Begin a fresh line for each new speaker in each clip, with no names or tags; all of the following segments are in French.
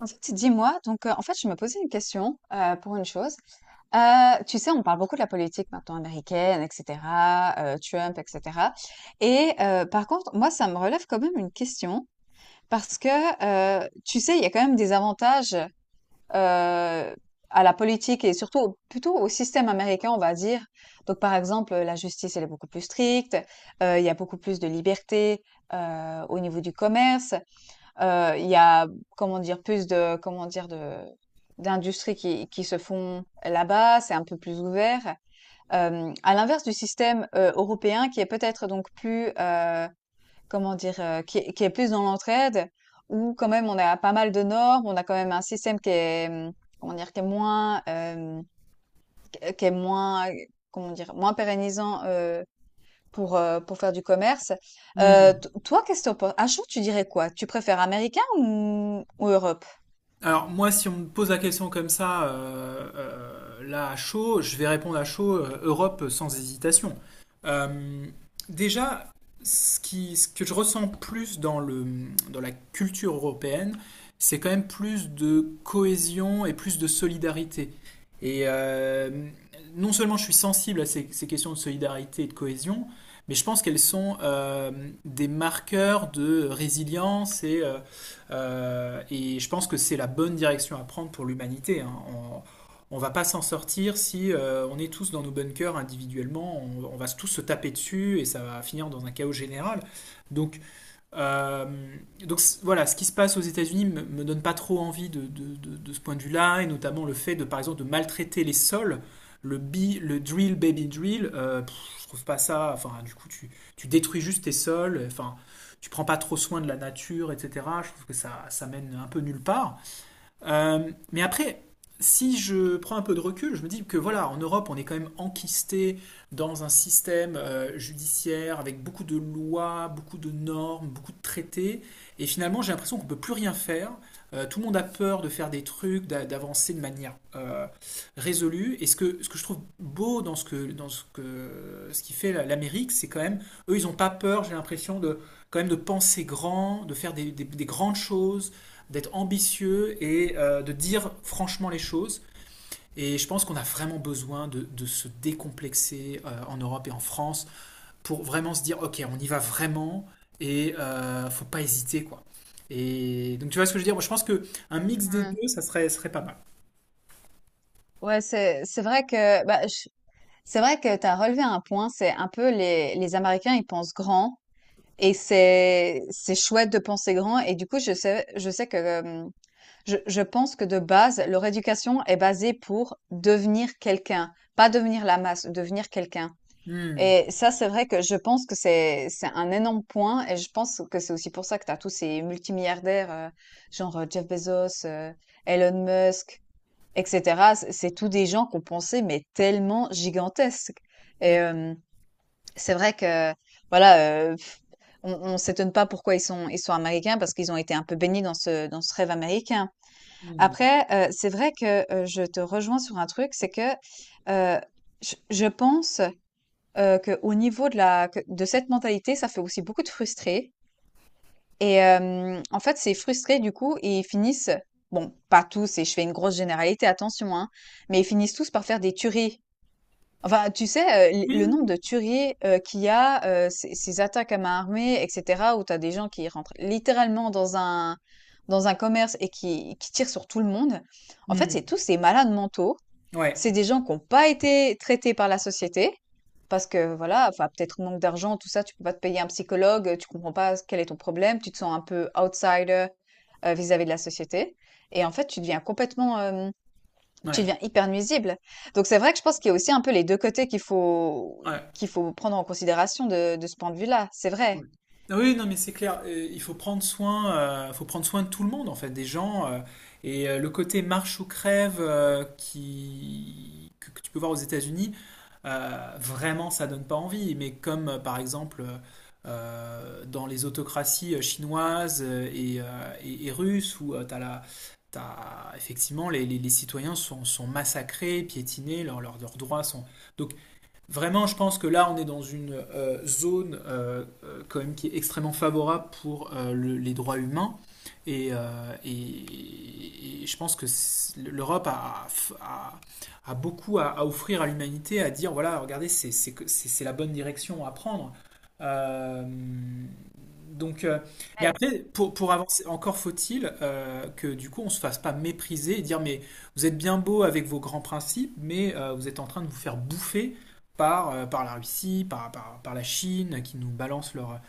En fait, dis-moi, donc en fait, je me posais une question, pour une chose. Tu sais, on parle beaucoup de la politique maintenant américaine etc., Trump etc. et par contre, moi, ça me relève quand même une question parce que, tu sais, il y a quand même des avantages, heu, à la politique et surtout au plutôt au système américain, on va dire. Donc par exemple, la justice, elle est beaucoup plus stricte, il y a beaucoup plus de liberté, au niveau du commerce. Il y a, comment dire, plus de, comment dire, d'industries qui se font là-bas, c'est un peu plus ouvert. À l'inverse du système européen qui est peut-être donc plus, comment dire, qui est plus dans l'entraide, où quand même on a pas mal de normes, on a quand même un système qui est, comment dire, qui est moins, qui est moins, comment dire, moins pérennisant pour faire du commerce.
Hmm.
T toi, qu'est-ce que tu en un jour, tu dirais quoi? Tu préfères américain ou Europe?
Alors moi, si on me pose la question comme ça, là à chaud, je vais répondre à chaud, Europe sans hésitation. Euh, déjà, ce que je ressens plus dans la culture européenne, c'est quand même plus de cohésion et plus de solidarité. Et non seulement je suis sensible à ces questions de solidarité et de cohésion, mais je pense qu'elles sont des marqueurs de résilience et je pense que c'est la bonne direction à prendre pour l'humanité, hein. On ne va pas s'en sortir si on est tous dans nos bunkers individuellement. On va tous se taper dessus et ça va finir dans un chaos général. Donc euh, donc voilà, ce qui se passe aux États-Unis me, me donne pas trop envie de ce point de vue-là, et notamment le fait de, par exemple, de maltraiter les sols, le drill, baby drill, je trouve pas ça. Enfin, du coup, tu détruis juste tes sols, enfin, tu prends pas trop soin de la nature, etc. Je trouve que ça mène un peu nulle part. Mais après, si je prends un peu de recul, je me dis que voilà, en Europe, on est quand même enquisté dans un système judiciaire avec beaucoup de lois, beaucoup de normes, beaucoup de traités. Et finalement, j'ai l'impression qu'on ne peut plus rien faire. Tout le monde a peur de faire des trucs, d'avancer de manière résolue. Ce que je trouve beau ce qui fait l'Amérique, c'est quand même, eux, ils n'ont pas peur, j'ai l'impression, de, quand même de penser grand, de faire des grandes choses, d'être ambitieux et de dire franchement les choses. Et je pense qu'on a vraiment besoin de se décomplexer en Europe et en France pour vraiment se dire, ok, on y va vraiment et faut pas hésiter, quoi. Et donc tu vois ce que je veux dire? Moi, je pense que un mix des
Ouais.
deux, serait pas mal.
Ouais, c'est vrai que, bah, je c'est vrai que t'as relevé un point, c'est un peu les Américains, ils pensent grand et c'est chouette de penser grand et du coup, je sais que, je pense que de base, leur éducation est basée pour devenir quelqu'un, pas devenir la masse, devenir quelqu'un.
Hmm.
Et ça, c'est vrai que je pense que c'est un énorme point et je pense que c'est aussi pour ça que tu as tous ces multimilliardaires, genre Jeff Bezos, Elon Musk, etc. C'est tous des gens qu'on pensait mais tellement gigantesques.
Hmm.
Et c'est vrai que voilà, euh, pff, on s'étonne pas pourquoi ils sont américains parce qu'ils ont été un peu baignés dans ce rêve américain.
Hmm.
Après, c'est vrai que je te rejoins sur un truc, c'est que euh, je pense que au niveau de la que de cette mentalité, ça fait aussi beaucoup de frustrés et en fait, ces frustrés, du coup, ils finissent bon, pas tous et je fais une grosse généralité, attention, hein, mais ils finissent tous par faire des tueries. Enfin, tu sais, l
Oui,
le nombre
oui.
de tueries, qu'il y a, ces attaques à main armée etc., où t'as des gens qui rentrent littéralement dans un commerce et qui tirent sur tout le monde. En fait, c'est
Oui.
tous ces malades mentaux.
Hmm. Ouais,
C'est des gens qui n'ont pas été traités par la société parce que voilà, enfin peut-être manque d'argent, tout ça, tu peux pas te payer un psychologue, tu comprends pas quel est ton problème, tu te sens un peu outsider vis-à-vis de la société. Et en fait, tu deviens complètement, tu
ouais,
deviens hyper nuisible. Donc c'est vrai que je pense qu'il y a aussi un peu les deux côtés qu'il faut
ouais.
prendre en considération de ce point de vue-là. C'est
Ouais.
vrai.
Ah oui, non, mais c'est clair. Il faut prendre soin de tout le monde en fait, des gens. Et le côté marche ou crève que tu peux voir aux États-Unis, vraiment, ça donne pas envie. Mais comme par exemple dans les autocraties chinoises et russes, où tu as la, t'as- effectivement les citoyens sont, sont massacrés, piétinés, leurs droits sont. Donc vraiment, je pense que là, on est dans une zone quand même qui est extrêmement favorable pour les droits humains. Et je pense l'Europe a, a- a beaucoup à offrir à l'humanité, à dire, voilà, regardez, c'est la bonne direction à prendre. Euh, donc, euh, mais
Ouais,
après, pour
ouais,
avancer, encore faut-il que du coup, on se fasse pas mépriser et dire, mais vous êtes bien beau avec vos grands principes, mais vous êtes en train de vous faire bouffer par, par la Russie, par la Chine, qui nous balance leurs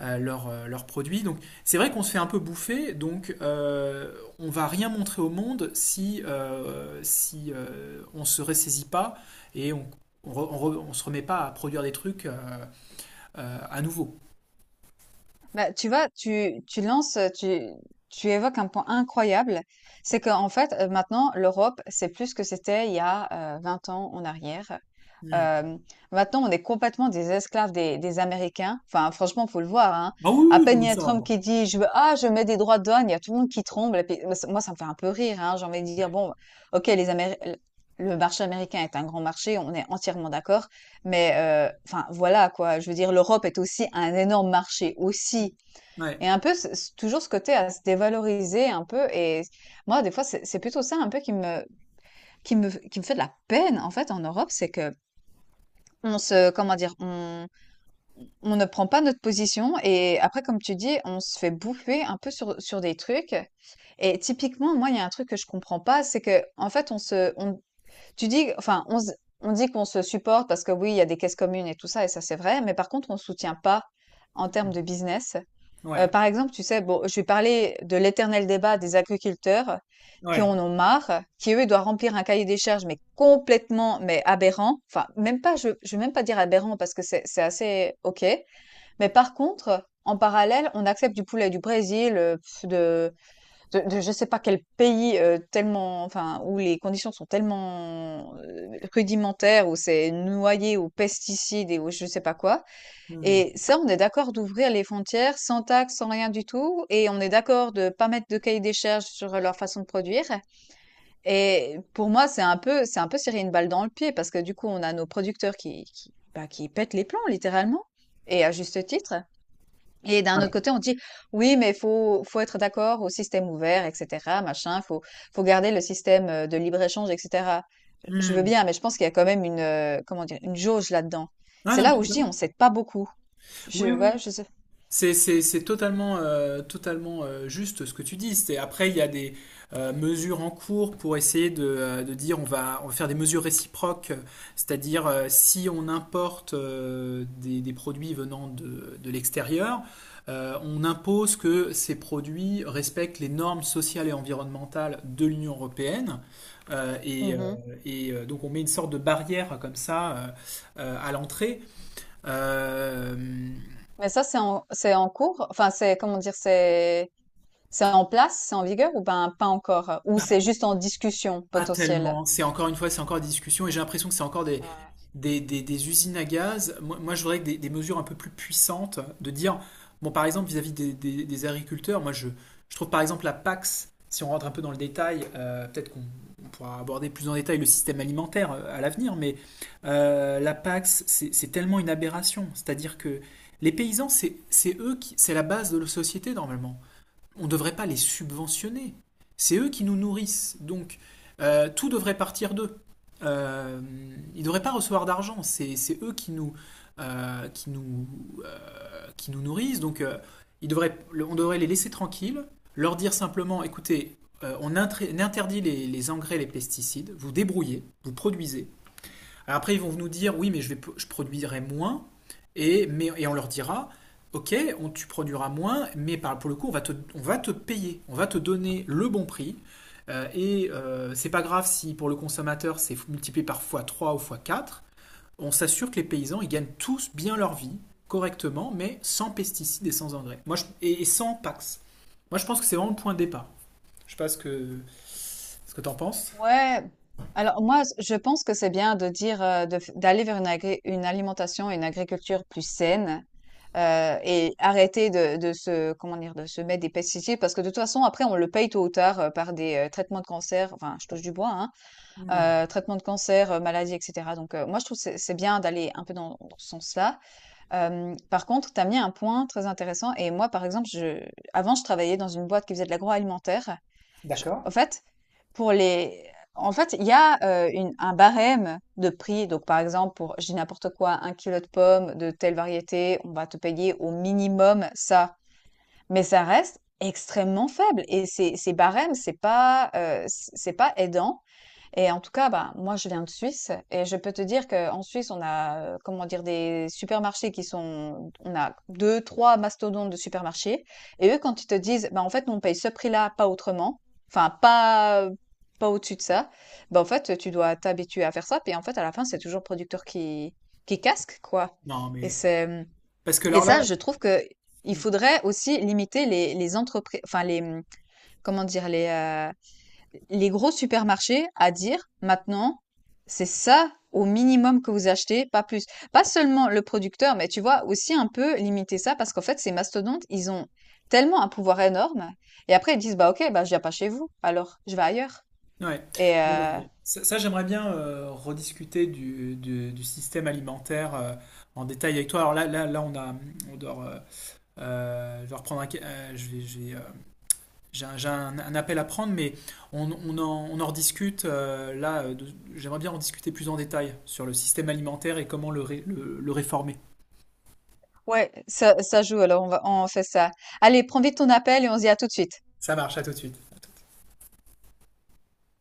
leurs produits. Donc c'est vrai qu'on se fait un peu bouffer, donc on ne va rien montrer au monde si, on ne se ressaisit pas et on, se remet pas à produire des trucs à nouveau.
bah, tu vois, tu lances, tu évoques un point incroyable. C'est qu'en fait, maintenant, l'Europe, c'est plus ce que c'était il y a 20 ans en arrière.
Hmm.
Euh, maintenant, on est complètement des esclaves des Américains. Enfin, franchement, faut le voir, hein.
Ah oui, oui,
À
oui,
peine il
comme
y a
ça.
Trump qui dit, je veux, ah, je mets des droits de douane, il y a tout le monde qui tremble. Et puis, moi, ça me fait un peu rire, hein. J'ai envie de dire, bon, ok, le marché américain est un grand marché, on est entièrement d'accord. Mais, enfin, voilà, quoi. Je veux dire, l'Europe est aussi un énorme marché
Hmm.
aussi.
Ouais,
Et un peu, ce toujours ce côté à se dévaloriser un peu et moi, des fois, c'est plutôt ça un peu qui me fait de la peine, en fait, en Europe. C'est que on se comment dire? On ne prend pas notre position et après, comme tu dis, on se fait bouffer un peu sur des trucs et typiquement, moi, il y a un truc que je comprends pas, c'est que en fait, on se on tu dis enfin, on se on dit qu'on se supporte parce que oui, il y a des caisses communes et tout ça et ça, c'est vrai, mais par contre, on soutient pas en termes de business.
ouais,
Par exemple, tu sais, bon, je vais parler de l'éternel débat des agriculteurs qui
ouais.
en ont marre, qui, eux, doivent remplir un cahier des charges, mais complètement, mais aberrant. Enfin, même pas, je vais même pas dire aberrant parce que c'est assez OK. Mais par contre, en parallèle, on accepte du poulet du Brésil, de je sais pas quel pays, tellement enfin, où les conditions sont tellement, rudimentaires, où c'est noyé aux pesticides et aux je sais pas quoi.
Hmm.
Et ça, on est d'accord d'ouvrir les frontières sans taxe, sans rien du tout, et on est d'accord de pas mettre de cahier des charges sur leur façon de produire. Et pour moi, c'est un peu, se tirer une balle dans le pied parce que du coup, on a nos producteurs bah, qui pètent les plombs littéralement, et à juste titre. Et d'un autre
Voilà.
côté, on dit oui, mais faut être d'accord au système ouvert, etc., machin. Faut garder le système de libre-échange, et cetera. Je veux
Hmm.
bien, mais je pense qu'il y a quand même une comment dire une jauge là-dedans.
Ah
C'est
non, mais
là
tout à
où je dis on
totalement.
s'aide pas beaucoup.
Oui,
Je
oui,
Ouais,
oui.
je sais.
C'est totalement, totalement juste ce que tu dis. C'est, après, il y a des mesures en cours pour essayer de dire on va faire des mesures réciproques, c'est-à-dire si on importe des produits venant de l'extérieur, on impose que ces produits respectent les normes sociales et environnementales de l'Union européenne. Euh, et euh,
Mhm.
donc on met une sorte de barrière comme ça à l'entrée. Euh,
Mais ça, c'est en cours. Enfin, c'est comment dire, c'est en place, c'est en vigueur ou ben pas encore, ou c'est juste en discussion
Pas
potentielle.
tellement. C'est encore une fois, c'est encore des discussions et j'ai l'impression que c'est encore des usines à gaz. Moi, moi, je voudrais des mesures un peu plus puissantes de dire, bon, par exemple, vis-à-vis des agriculteurs, moi, je trouve par exemple la PAX, si on rentre un peu dans le détail, peut-être qu'on on pourra aborder plus en détail le système alimentaire à l'avenir, mais la PAX, c'est tellement une aberration. C'est-à-dire que les paysans, c'est eux qui, c'est la base de la société normalement on ne devrait pas les subventionner. C'est eux qui nous nourrissent. Donc, tout devrait partir d'eux. Euh, ils ne devraient pas recevoir d'argent. C'est eux qui nous, euh, qui nous, qui nous nourrissent. Donc, ils devraient, on devrait les laisser tranquilles, leur dire simplement, écoutez, on interdit les engrais, les pesticides, vous débrouillez, vous produisez, après, ils vont nous dire, oui, mais je produirai moins, et on leur dira, ok, tu produiras moins, mais pour le coup, on va te payer, on va te donner le bon prix, c'est pas grave si pour le consommateur, c'est multiplié par fois trois ou fois quatre on s'assure que les paysans, ils gagnent tous bien leur vie, correctement, mais sans pesticides et sans engrais. Moi, je, et, sans PAX. Moi, je pense que c'est vraiment le point de départ. Je sais pas ce que, ce que t'en penses.
Ouais. Alors moi, je pense que c'est bien de dire d'aller vers une alimentation, une agriculture plus saine et arrêter de se comment dire de se mettre des pesticides parce que de toute façon après on le paye tôt ou tard par des traitements de cancer. Enfin, je touche du bois, hein,
Mmh.
traitements de cancer, maladies, etc. Donc moi je trouve que c'est bien d'aller un peu dans ce sens-là. Par contre, tu as mis un point très intéressant et moi par exemple, je avant je travaillais dans une boîte qui faisait de l'agroalimentaire.
D'accord.
En fait. Pour les En fait, il y a, une un barème de prix. Donc par exemple, pour je dis n'importe quoi, un kilo de pommes de telle variété, on va te payer au minimum ça. Mais ça reste extrêmement faible et ces barèmes, c'est pas, c'est pas aidant et en tout cas, bah, moi, je viens de Suisse et je peux te dire qu'en Suisse, on a, comment dire, des supermarchés qui sont, on a deux, trois mastodontes de supermarchés. Et eux, quand ils te disent, bah, en fait, nous, on paye ce prix-là, pas autrement, enfin, pas au-dessus de ça, bah, en fait, tu dois t'habituer à faire ça. Puis, en fait, à la fin, c'est toujours le producteur qui casque, quoi.
Non,
Et
mais... Parce que
et
alors
ça,
là,
je trouve que il
hmm.
faudrait aussi limiter les entreprises, enfin, comment dire, les gros supermarchés à dire maintenant, c'est ça au minimum que vous achetez, pas plus. Pas seulement le producteur, mais tu vois, aussi un peu limiter ça parce qu'en fait, ces mastodontes, ils ont tellement un pouvoir énorme. Et après, ils disent, bah ok, bah je viens pas chez vous, alors je vais ailleurs.
Ouais.
Et
Ouais. Ça, j'aimerais bien rediscuter du système alimentaire en détail avec toi. Alors là, là, là, on a, on doit, je vais reprendre un, ca- je vais, j'ai un, un appel à prendre, mais on en rediscute. J'aimerais bien en discuter plus en détail sur le système alimentaire et comment le, ré- le réformer.
ouais, ça joue, alors on fait ça. Allez, prends vite ton appel et on se dit à tout de suite.
Ça marche, à tout de suite.